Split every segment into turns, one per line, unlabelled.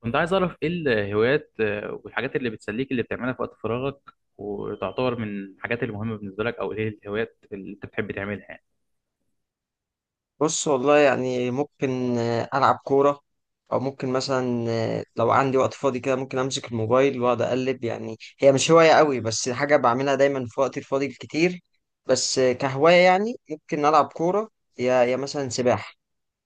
كنت عايز أعرف إيه الهوايات، والحاجات اللي بتسليك اللي بتعملها في وقت فراغك وتعتبر من الحاجات المهمة بالنسبة لك، أو إيه الهوايات اللي أنت بتحب تعملها يعني.
بص والله يعني ممكن ألعب كورة، أو ممكن مثلا لو عندي وقت فاضي كده ممكن أمسك الموبايل وأقعد أقلب. يعني هي مش هواية قوي، بس حاجة بعملها دايما في وقتي الفاضي الكتير. بس كهواية يعني ممكن ألعب كورة يا مثلا سباحة.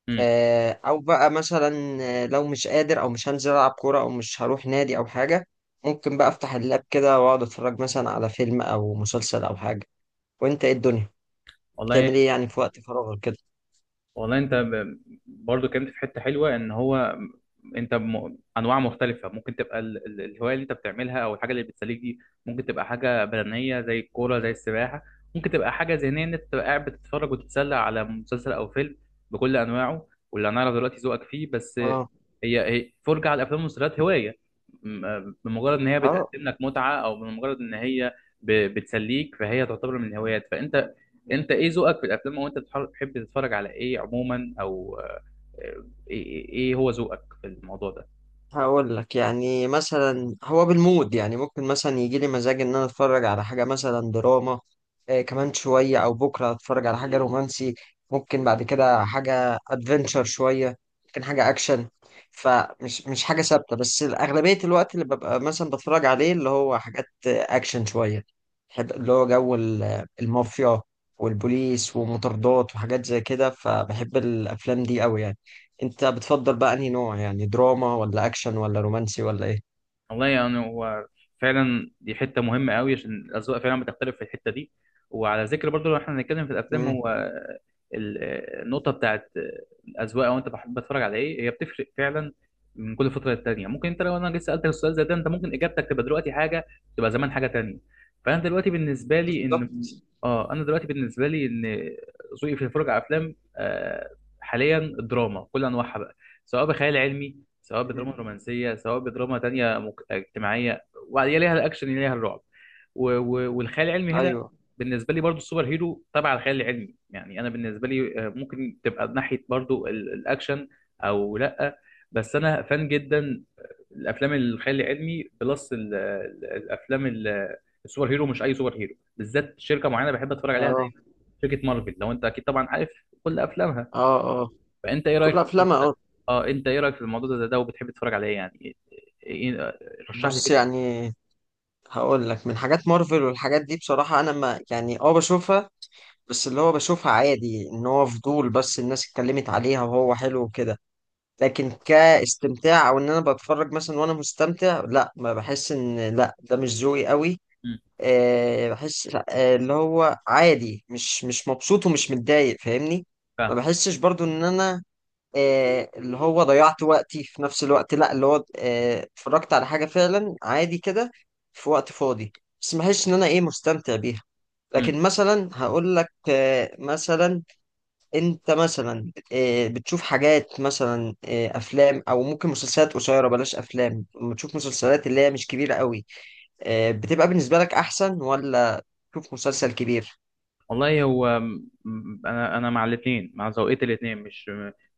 امم
أو بقى مثلا لو مش قادر أو مش هنزل ألعب كورة أو مش هروح نادي أو حاجة، ممكن بقى أفتح اللاب كده وأقعد أتفرج مثلا على فيلم أو مسلسل أو حاجة. وأنت إيه الدنيا
والله
بتعمل إيه يعني في وقت فراغك كده؟
والله برضو كنت في حته حلوه. ان هو انت انواع مختلفه ممكن تبقى الهوايه اللي انت بتعملها او الحاجه اللي بتسليك دي، ممكن تبقى حاجه بدنيه زي الكوره زي السباحه، ممكن تبقى حاجه ذهنيه ان انت تبقى قاعد بتتفرج وتتسلى على مسلسل او فيلم بكل انواعه، واللي انا اعرف دلوقتي ذوقك فيه بس
اه
هي فرجه على الافلام والمسلسلات. هوايه بمجرد ان هي
اه.
بتقدم لك متعه، او بمجرد ان هي بتسليك، فهي تعتبر من الهوايات. فانت ايه ذوقك في الافلام، وانت بتحب تتفرج على ايه عموما؟ او آه، إيه هو ذوقك في الموضوع ده؟
هقول لك، يعني مثلا هو بالمود، يعني ممكن مثلا يجي لي مزاج ان انا اتفرج على حاجه مثلا دراما، كمان شويه او بكره اتفرج على حاجه رومانسي، ممكن بعد كده حاجه ادفنتشر شويه، ممكن حاجه اكشن. فمش مش حاجه ثابته، بس اغلبيه الوقت اللي ببقى مثلا بتفرج عليه اللي هو حاجات اكشن شويه. بحب اللي هو جو المافيا والبوليس ومطاردات وحاجات زي كده، فبحب الافلام دي قوي يعني. انت بتفضل بقى انهي نوع، يعني دراما ولا اكشن ولا رومانسي ولا ايه؟
والله يعني هو فعلا دي حته مهمه قوي، عشان الاذواق فعلا بتختلف في الحته دي. وعلى ذكر برضو، لو احنا هنتكلم في الافلام،
امم،
هو النقطه بتاعت الاذواق او انت بحب بتتفرج على ايه، هي بتفرق فعلا من كل فتره للتانيه. ممكن انت لو انا لسه سالتك السؤال زي ده، انت ممكن اجابتك تبقى دلوقتي حاجه، تبقى زمان حاجه تانيه. فانا دلوقتي بالنسبه لي ان
بالظبط.
اه، انا دلوقتي بالنسبه لي ان ذوقي في الفرجه على افلام، آه، حاليا الدراما كل انواعها بقى، سواء بخيال علمي، سواء
مم.
بدراما رومانسيه، سواء بدراما تانيه اجتماعيه، وبعدين ليها الاكشن، ليها الرعب والخيال العلمي. هنا
ايوه.
بالنسبه لي برضو السوبر هيرو تبع الخيال العلمي، يعني انا بالنسبه لي، آه، ممكن تبقى ناحيه برضو الاكشن او لا، بس انا فان جدا الافلام الخيال العلمي بلس الافلام السوبر هيرو. مش اي سوبر هيرو، بالذات شركه معينه بحب اتفرج عليها
اه
دايما، شركه مارفل، لو انت اكيد طبعا عارف كل افلامها.
اه اه
فانت ايه رايك
كل
في الموضوع
افلامها.
ده؟
اه
اه، انت ايه رايك في الموضوع ده، ده وبتحب تتفرج عليه يعني؟ إيه- إيه- إيه، رشح لي
بص
كده.
يعني هقول لك من حاجات مارفل والحاجات دي، بصراحة انا ما يعني بشوفها، بس اللي هو بشوفها عادي ان هو فضول، بس الناس اتكلمت عليها وهو حلو وكده. لكن كاستمتاع او ان انا بتفرج مثلا وانا مستمتع، لا ما بحس ان لا ده مش ذوقي قوي.
مم،
بحس اللي هو عادي، مش مبسوط ومش متضايق، فاهمني؟ ما
فاهم.
بحسش برضو ان انا اللي هو ضيعت وقتي في نفس الوقت، لا اللي هو اتفرجت على حاجة فعلا عادي كده في وقت فاضي، بس ما بحسش ان انا ايه مستمتع بيها.
مم.
لكن مثلا هقول لك مثلا، انت مثلا بتشوف حاجات مثلا افلام او ممكن مسلسلات قصيره، بلاش افلام، لما تشوف مسلسلات اللي هي مش كبيره قوي، بتبقى بالنسبه لك احسن ولا شوف مسلسل كبير؟
والله هو انا مع الاثنين، مع ذوقية الاثنين، مش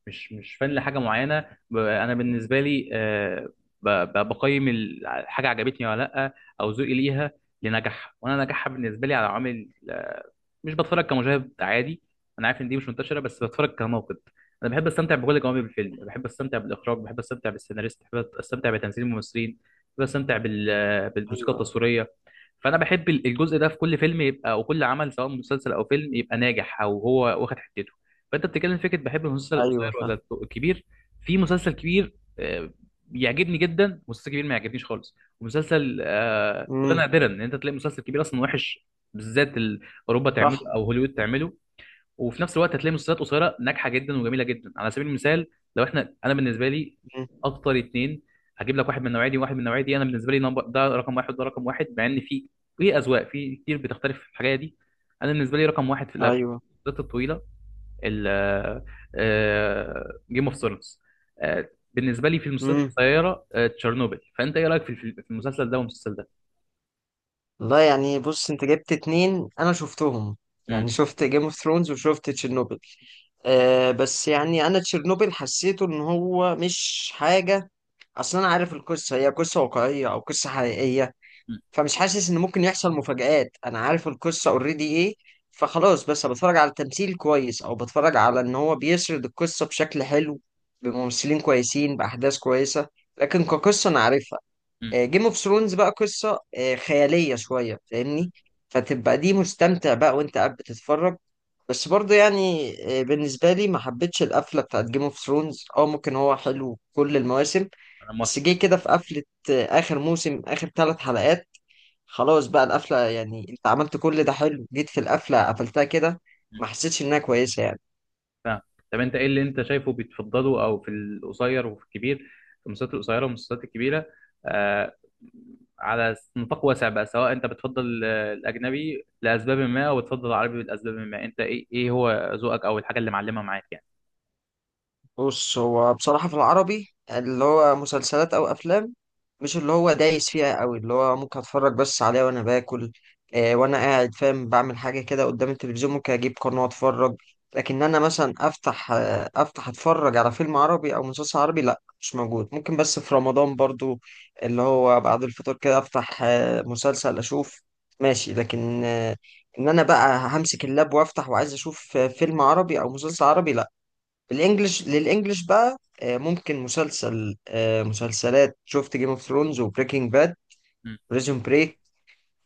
مش مش فن لحاجه معينه. انا بالنسبه لي، آه، بقيم الحاجه عجبتني ولا لا، او ذوقي ليها لنجاحها. وانا نجاحها بالنسبه لي على عوامل، مش بتفرج كمشاهد عادي، انا عارف ان دي مش منتشره، بس بتفرج كناقد. انا بحب استمتع بكل جوانب الفيلم، بحب استمتع بالاخراج، بحب استمتع بالسيناريست، بحب استمتع بتمثيل الممثلين، بحب استمتع بالموسيقى
ايوه
التصويريه. فانا بحب الجزء ده في كل فيلم، يبقى او كل عمل سواء مسلسل او فيلم يبقى ناجح او هو واخد حتته. فانت بتتكلم فكره بحب المسلسل
ايوه
القصير
فاهم.
ولا الكبير؟ في مسلسل كبير، آه، بيعجبني جدا، مسلسل كبير ما يعجبنيش خالص. ومسلسل، آه، وده
امم
نادرا ان انت تلاقي مسلسل كبير اصلا وحش، بالذات اوروبا تعمله
صح.
او هوليوود تعمله. وفي نفس الوقت هتلاقي مسلسلات قصيره ناجحه جدا وجميله جدا. على سبيل المثال، لو احنا، انا بالنسبه لي
مم.
اكتر اتنين هجيب لك، واحد من النوعيه دي وواحد من النوعيه دي. انا بالنسبه لي نمبر، ده رقم واحد وده رقم واحد، مع ان في في اذواق في كتير بتختلف في الحاجه دي. انا بالنسبه لي رقم واحد في الافلام
ايوه.
الطويله جيم اوف ثرونز، بالنسبه لي في المسلسلات
امم.
القصيره، آه، تشيرنوبل. فانت ايه رايك في في المسلسل ده والمسلسل ده؟
والله يعني بص انت جبت اتنين انا شفتهم،
مم.
يعني شفت جيم اوف ثرونز وشفت تشيرنوبل. بس يعني انا تشيرنوبل حسيته ان هو مش حاجه، اصلا انا عارف القصه هي قصه واقعيه او قصه حقيقيه،
مم.
فمش حاسس ان ممكن يحصل مفاجآت، انا عارف القصة اوريدي ايه. فخلاص بس بتفرج على التمثيل كويس او بتفرج على ان هو بيسرد القصة بشكل حلو بممثلين كويسين باحداث كويسة، لكن كقصة انا عارفها.
مم.
جيم اوف ثرونز بقى قصة خيالية شوية، فاهمني؟ فتبقى دي مستمتع بقى وانت قاعد بتتفرج. بس برضه يعني بالنسبة لي ما حبيتش القفلة بتاعت جيم اوف ثرونز، اه ممكن هو حلو كل المواسم،
انا موافق.
بس جه كده في قفلة آخر موسم آخر 3 حلقات، خلاص بقى القفلة، يعني انت عملت كل ده حلو جيت في القفلة قفلتها كده، ما حسيتش انها كويسة يعني.
فاهم. طب انت ايه اللي انت شايفه بتفضله، او في القصير وفي الكبير، في المسلسلات القصيره والمسلسلات الكبيره، آه، على نطاق واسع بقى، سواء انت بتفضل، آه، الاجنبي لاسباب ما، او بتفضل العربي لاسباب ما. انت ايه هو ذوقك او الحاجه اللي معلمه معاك يعني؟
بص هو بصراحة في العربي اللي هو مسلسلات أو أفلام، مش اللي هو دايس فيها أوي، اللي هو ممكن أتفرج بس عليها وأنا باكل وأنا قاعد فاهم بعمل حاجة كده قدام التلفزيون، ممكن أجيب قناة وأتفرج. لكن أنا مثلا أفتح أتفرج على فيلم عربي أو مسلسل عربي، لأ مش موجود، ممكن بس في رمضان برضو اللي هو بعد الفطور كده أفتح مسلسل أشوف ماشي، لكن إن أنا بقى همسك اللاب وأفتح وعايز أشوف فيلم عربي أو مسلسل عربي، لأ. الانجليش للانجليش بقى ممكن مسلسل مسلسلات شفت جيم اوف ثرونز وبريكنج باد،
م-
بريزون بريك،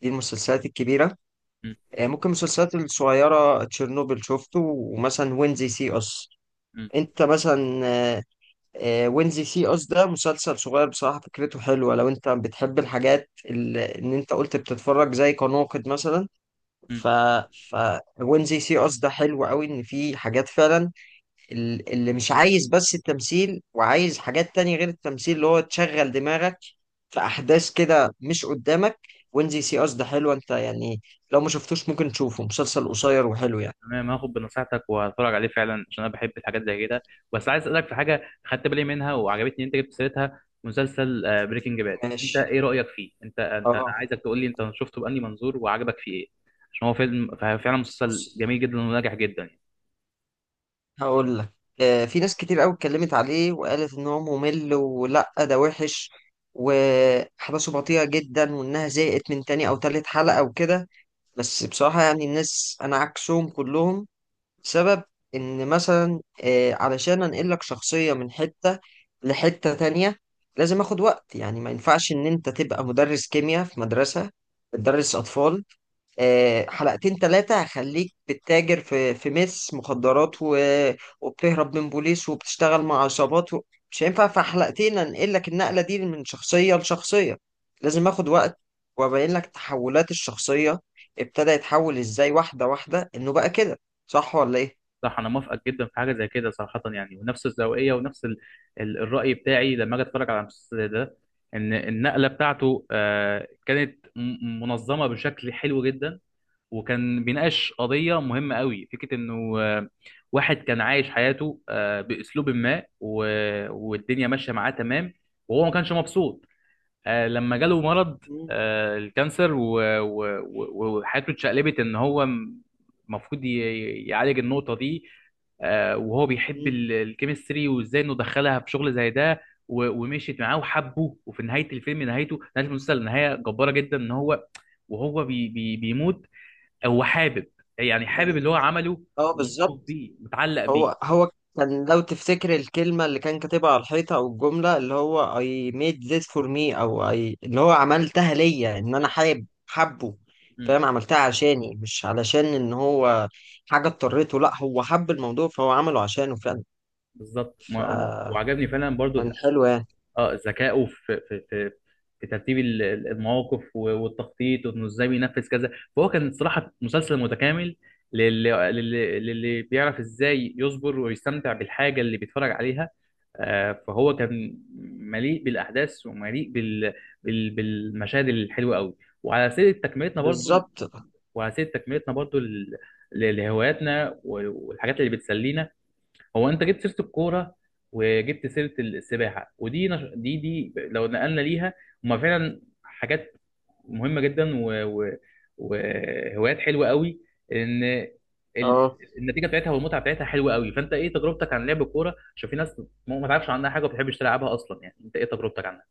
دي المسلسلات الكبيرة.
م-
ممكن المسلسلات الصغيرة تشيرنوبل شفته، ومثلا وينزي سي اس.
م-
انت مثلا وينزي سي اس ده مسلسل صغير بصراحة فكرته حلوة، لو انت بتحب الحاجات اللي ان انت قلت بتتفرج زي كناقد مثلا.
م.
ف ف وينزي سي اس ده حلو قوي ان في حاجات فعلا، اللي مش عايز بس التمثيل وعايز حاجات تانية غير التمثيل اللي هو تشغل دماغك، في أحداث كده مش قدامك. وينزي سي أس ده حلو، أنت يعني لو ما شفتوش ممكن تشوفه، مسلسل قصير وحلو يعني.
تمام، هاخد بنصيحتك وهتفرج عليه فعلا، عشان انا بحب الحاجات زي كده. بس عايز اسالك في حاجه خدت بالي منها وعجبتني، إن انت جبت سيرتها، مسلسل بريكنج باد. انت
ماشي.
ايه رايك فيه؟ انت انت أنا
اه.
عايزك تقول لي انت شفته بأني منظور وعجبك فيه ايه، عشان هو فيلم، فعلا
بص
مسلسل جميل جدا وناجح جدا يعني.
هقول لك، في ناس كتير قوي اتكلمت عليه وقالت إن هو ممل ولا ده وحش، وأحداثه بطيئة جدا، وإنها زهقت من تاني أو تالت حلقة وكده. بس بصراحة يعني الناس أنا عكسهم كلهم. سبب ان مثلا علشان انقل لك شخصية من حتة لحتة تانية لازم اخد وقت، يعني ما ينفعش ان انت تبقى مدرس كيمياء في مدرسة بتدرس اطفال، حلقتين ثلاثة هخليك بتتاجر في مخدرات، و... وبتهرب من بوليس وبتشتغل مع عصابات. و... مش هينفع في حلقتين انقل لك النقلة دي من شخصية لشخصية، لازم اخد وقت، وابين لك تحولات الشخصية، ابتدى يتحول ازاي واحدة واحدة انه بقى كده، صح ولا ايه؟
صح، انا موافقك جدا في حاجه زي كده صراحه، يعني ونفس الزاويه ونفس الراي بتاعي لما اجي اتفرج على المسلسل ده، ان النقله بتاعته، آه، كانت منظمه بشكل حلو جدا. وكان بيناقش قضية مهمة قوي، فكرة انه، آه، واحد كان عايش حياته، آه، باسلوب ما، والدنيا ماشية معاه تمام، وهو ما كانش مبسوط. آه، لما جاله مرض،
مم.
آه، الكانسر، وحياته اتشقلبت. ان هو المفروض يعالج النقطة دي، آه، وهو بيحب
مم.
الكيمستري وازاي انه دخلها في شغل زي ده. ومشيت معاه وحبه. وفي نهاية الفيلم، نهايته، نهاية المسلسل، نهاية جبارة جدا، ان هو وهو بي بي بيموت، هو حابب، يعني حابب
كان
اللي هو عمله،
اه
ومبسوط
بالظبط.
بيه، متعلق بيه.
هو كان، لو تفتكر، الكلمة اللي كان كاتبها على الحيطة أو الجملة اللي هو I made this for me أو I اللي هو عملتها ليا، إن أنا حابب حبه،
مم.
فاهم، عملتها عشاني، مش علشان إن هو حاجة اضطريته، لأ هو حب الموضوع فهو عمله عشانه فعلا.
بالظبط.
فكان
وعجبني فعلا برضو
حلو يعني.
اه ذكائه في في ترتيب المواقف والتخطيط، وانه ازاي بينفذ كذا. فهو كان صراحة مسلسل متكامل للي بيعرف ازاي يصبر ويستمتع بالحاجة اللي بيتفرج عليها. آه، فهو كان مليء بالاحداث، ومليء بالمشاهد الحلوة قوي. وعلى سيرة تكملتنا برضو
بالظبط.
وعلى سبيل تكملتنا برضو لهواياتنا والحاجات اللي بتسلينا، هو انت جبت سيره الكوره وجبت سيره السباحه، ودي دي لو نقلنا ليها، هما فعلا حاجات مهمه جدا وهوايات حلوه قوي. ان ال...
اه.
النتيجه بتاعتها والمتعه بتاعتها حلوه قوي. فانت ايه تجربتك عن لعب الكوره؟ عشان في ناس ما تعرفش عنها حاجه وما بتحبش تلعبها اصلا، يعني انت ايه تجربتك عنها؟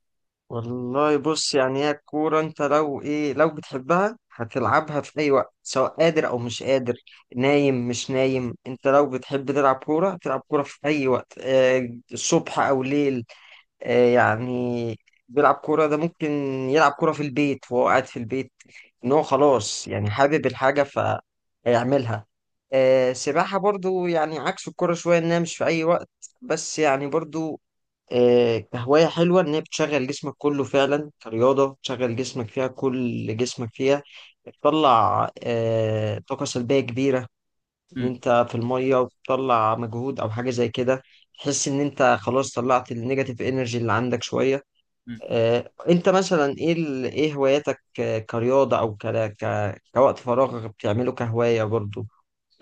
والله بص يعني هي الكورة انت لو ايه، لو بتحبها هتلعبها في اي وقت، سواء قادر او مش قادر، نايم مش نايم، انت لو بتحب تلعب كورة هتلعب كورة في اي وقت، الصبح او ليل. يعني بيلعب كورة ده ممكن يلعب كورة في البيت وهو قاعد في البيت، ان هو خلاص يعني حابب الحاجة فهيعملها. سباحة برضو يعني عكس الكورة شوية انها مش في اي وقت، بس يعني برضو كهواية حلوة إن هي بتشغل جسمك كله فعلا كرياضة بتشغل جسمك فيها كل جسمك فيها، بتطلع طاقة سلبية كبيرة، إن أنت في المية وبتطلع مجهود أو حاجة زي كده، تحس إن أنت خلاص طلعت النيجاتيف إنرجي اللي عندك شوية.
امم
أنت مثلا إيه إيه هواياتك كرياضة أو كوقت فراغ بتعمله كهواية برضو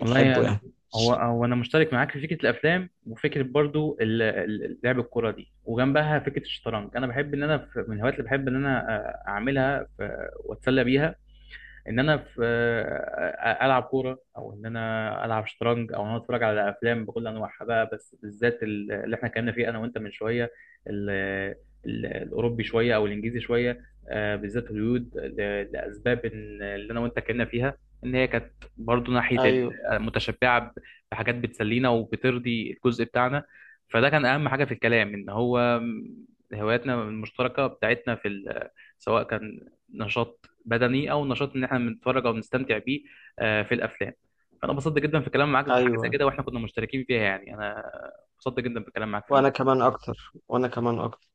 والله، يعني
يعني؟
هو هو انا مشترك معاك في فكره الافلام، وفكره برضو لعب الكوره دي، وجنبها فكره الشطرنج. انا بحب ان انا من الهوايات اللي بحب ان انا، آه، اعملها واتسلى بيها ان انا في، العب كوره، او ان انا العب شطرنج، او ان انا اتفرج على افلام بكل انواعها بقى. بس بالذات اللي احنا اتكلمنا فيه انا وانت من شويه، ال- الاوروبي شويه او الانجليزي شويه، آه، بالذات هوليوود لاسباب اللي انا وانت اتكلمنا فيها، ان هي كانت برضو ناحيه
أيوه
متشبعه بحاجات بتسلينا، وبترضي الجزء بتاعنا. فده كان اهم حاجه في الكلام، ان هو هواياتنا المشتركه بتاعتنا في سواء كان نشاط بدني، او نشاط ان احنا بنتفرج او بنستمتع بيه، آه، في الافلام. فانا انبسطت جدا في الكلام معاك في حاجه زي
أيوه.
كده، واحنا كنا مشتركين فيها، يعني انا انبسطت جدا بالكلام معاك في
وأنا
النقطه
كمان أكتر وأنا كمان أكتر.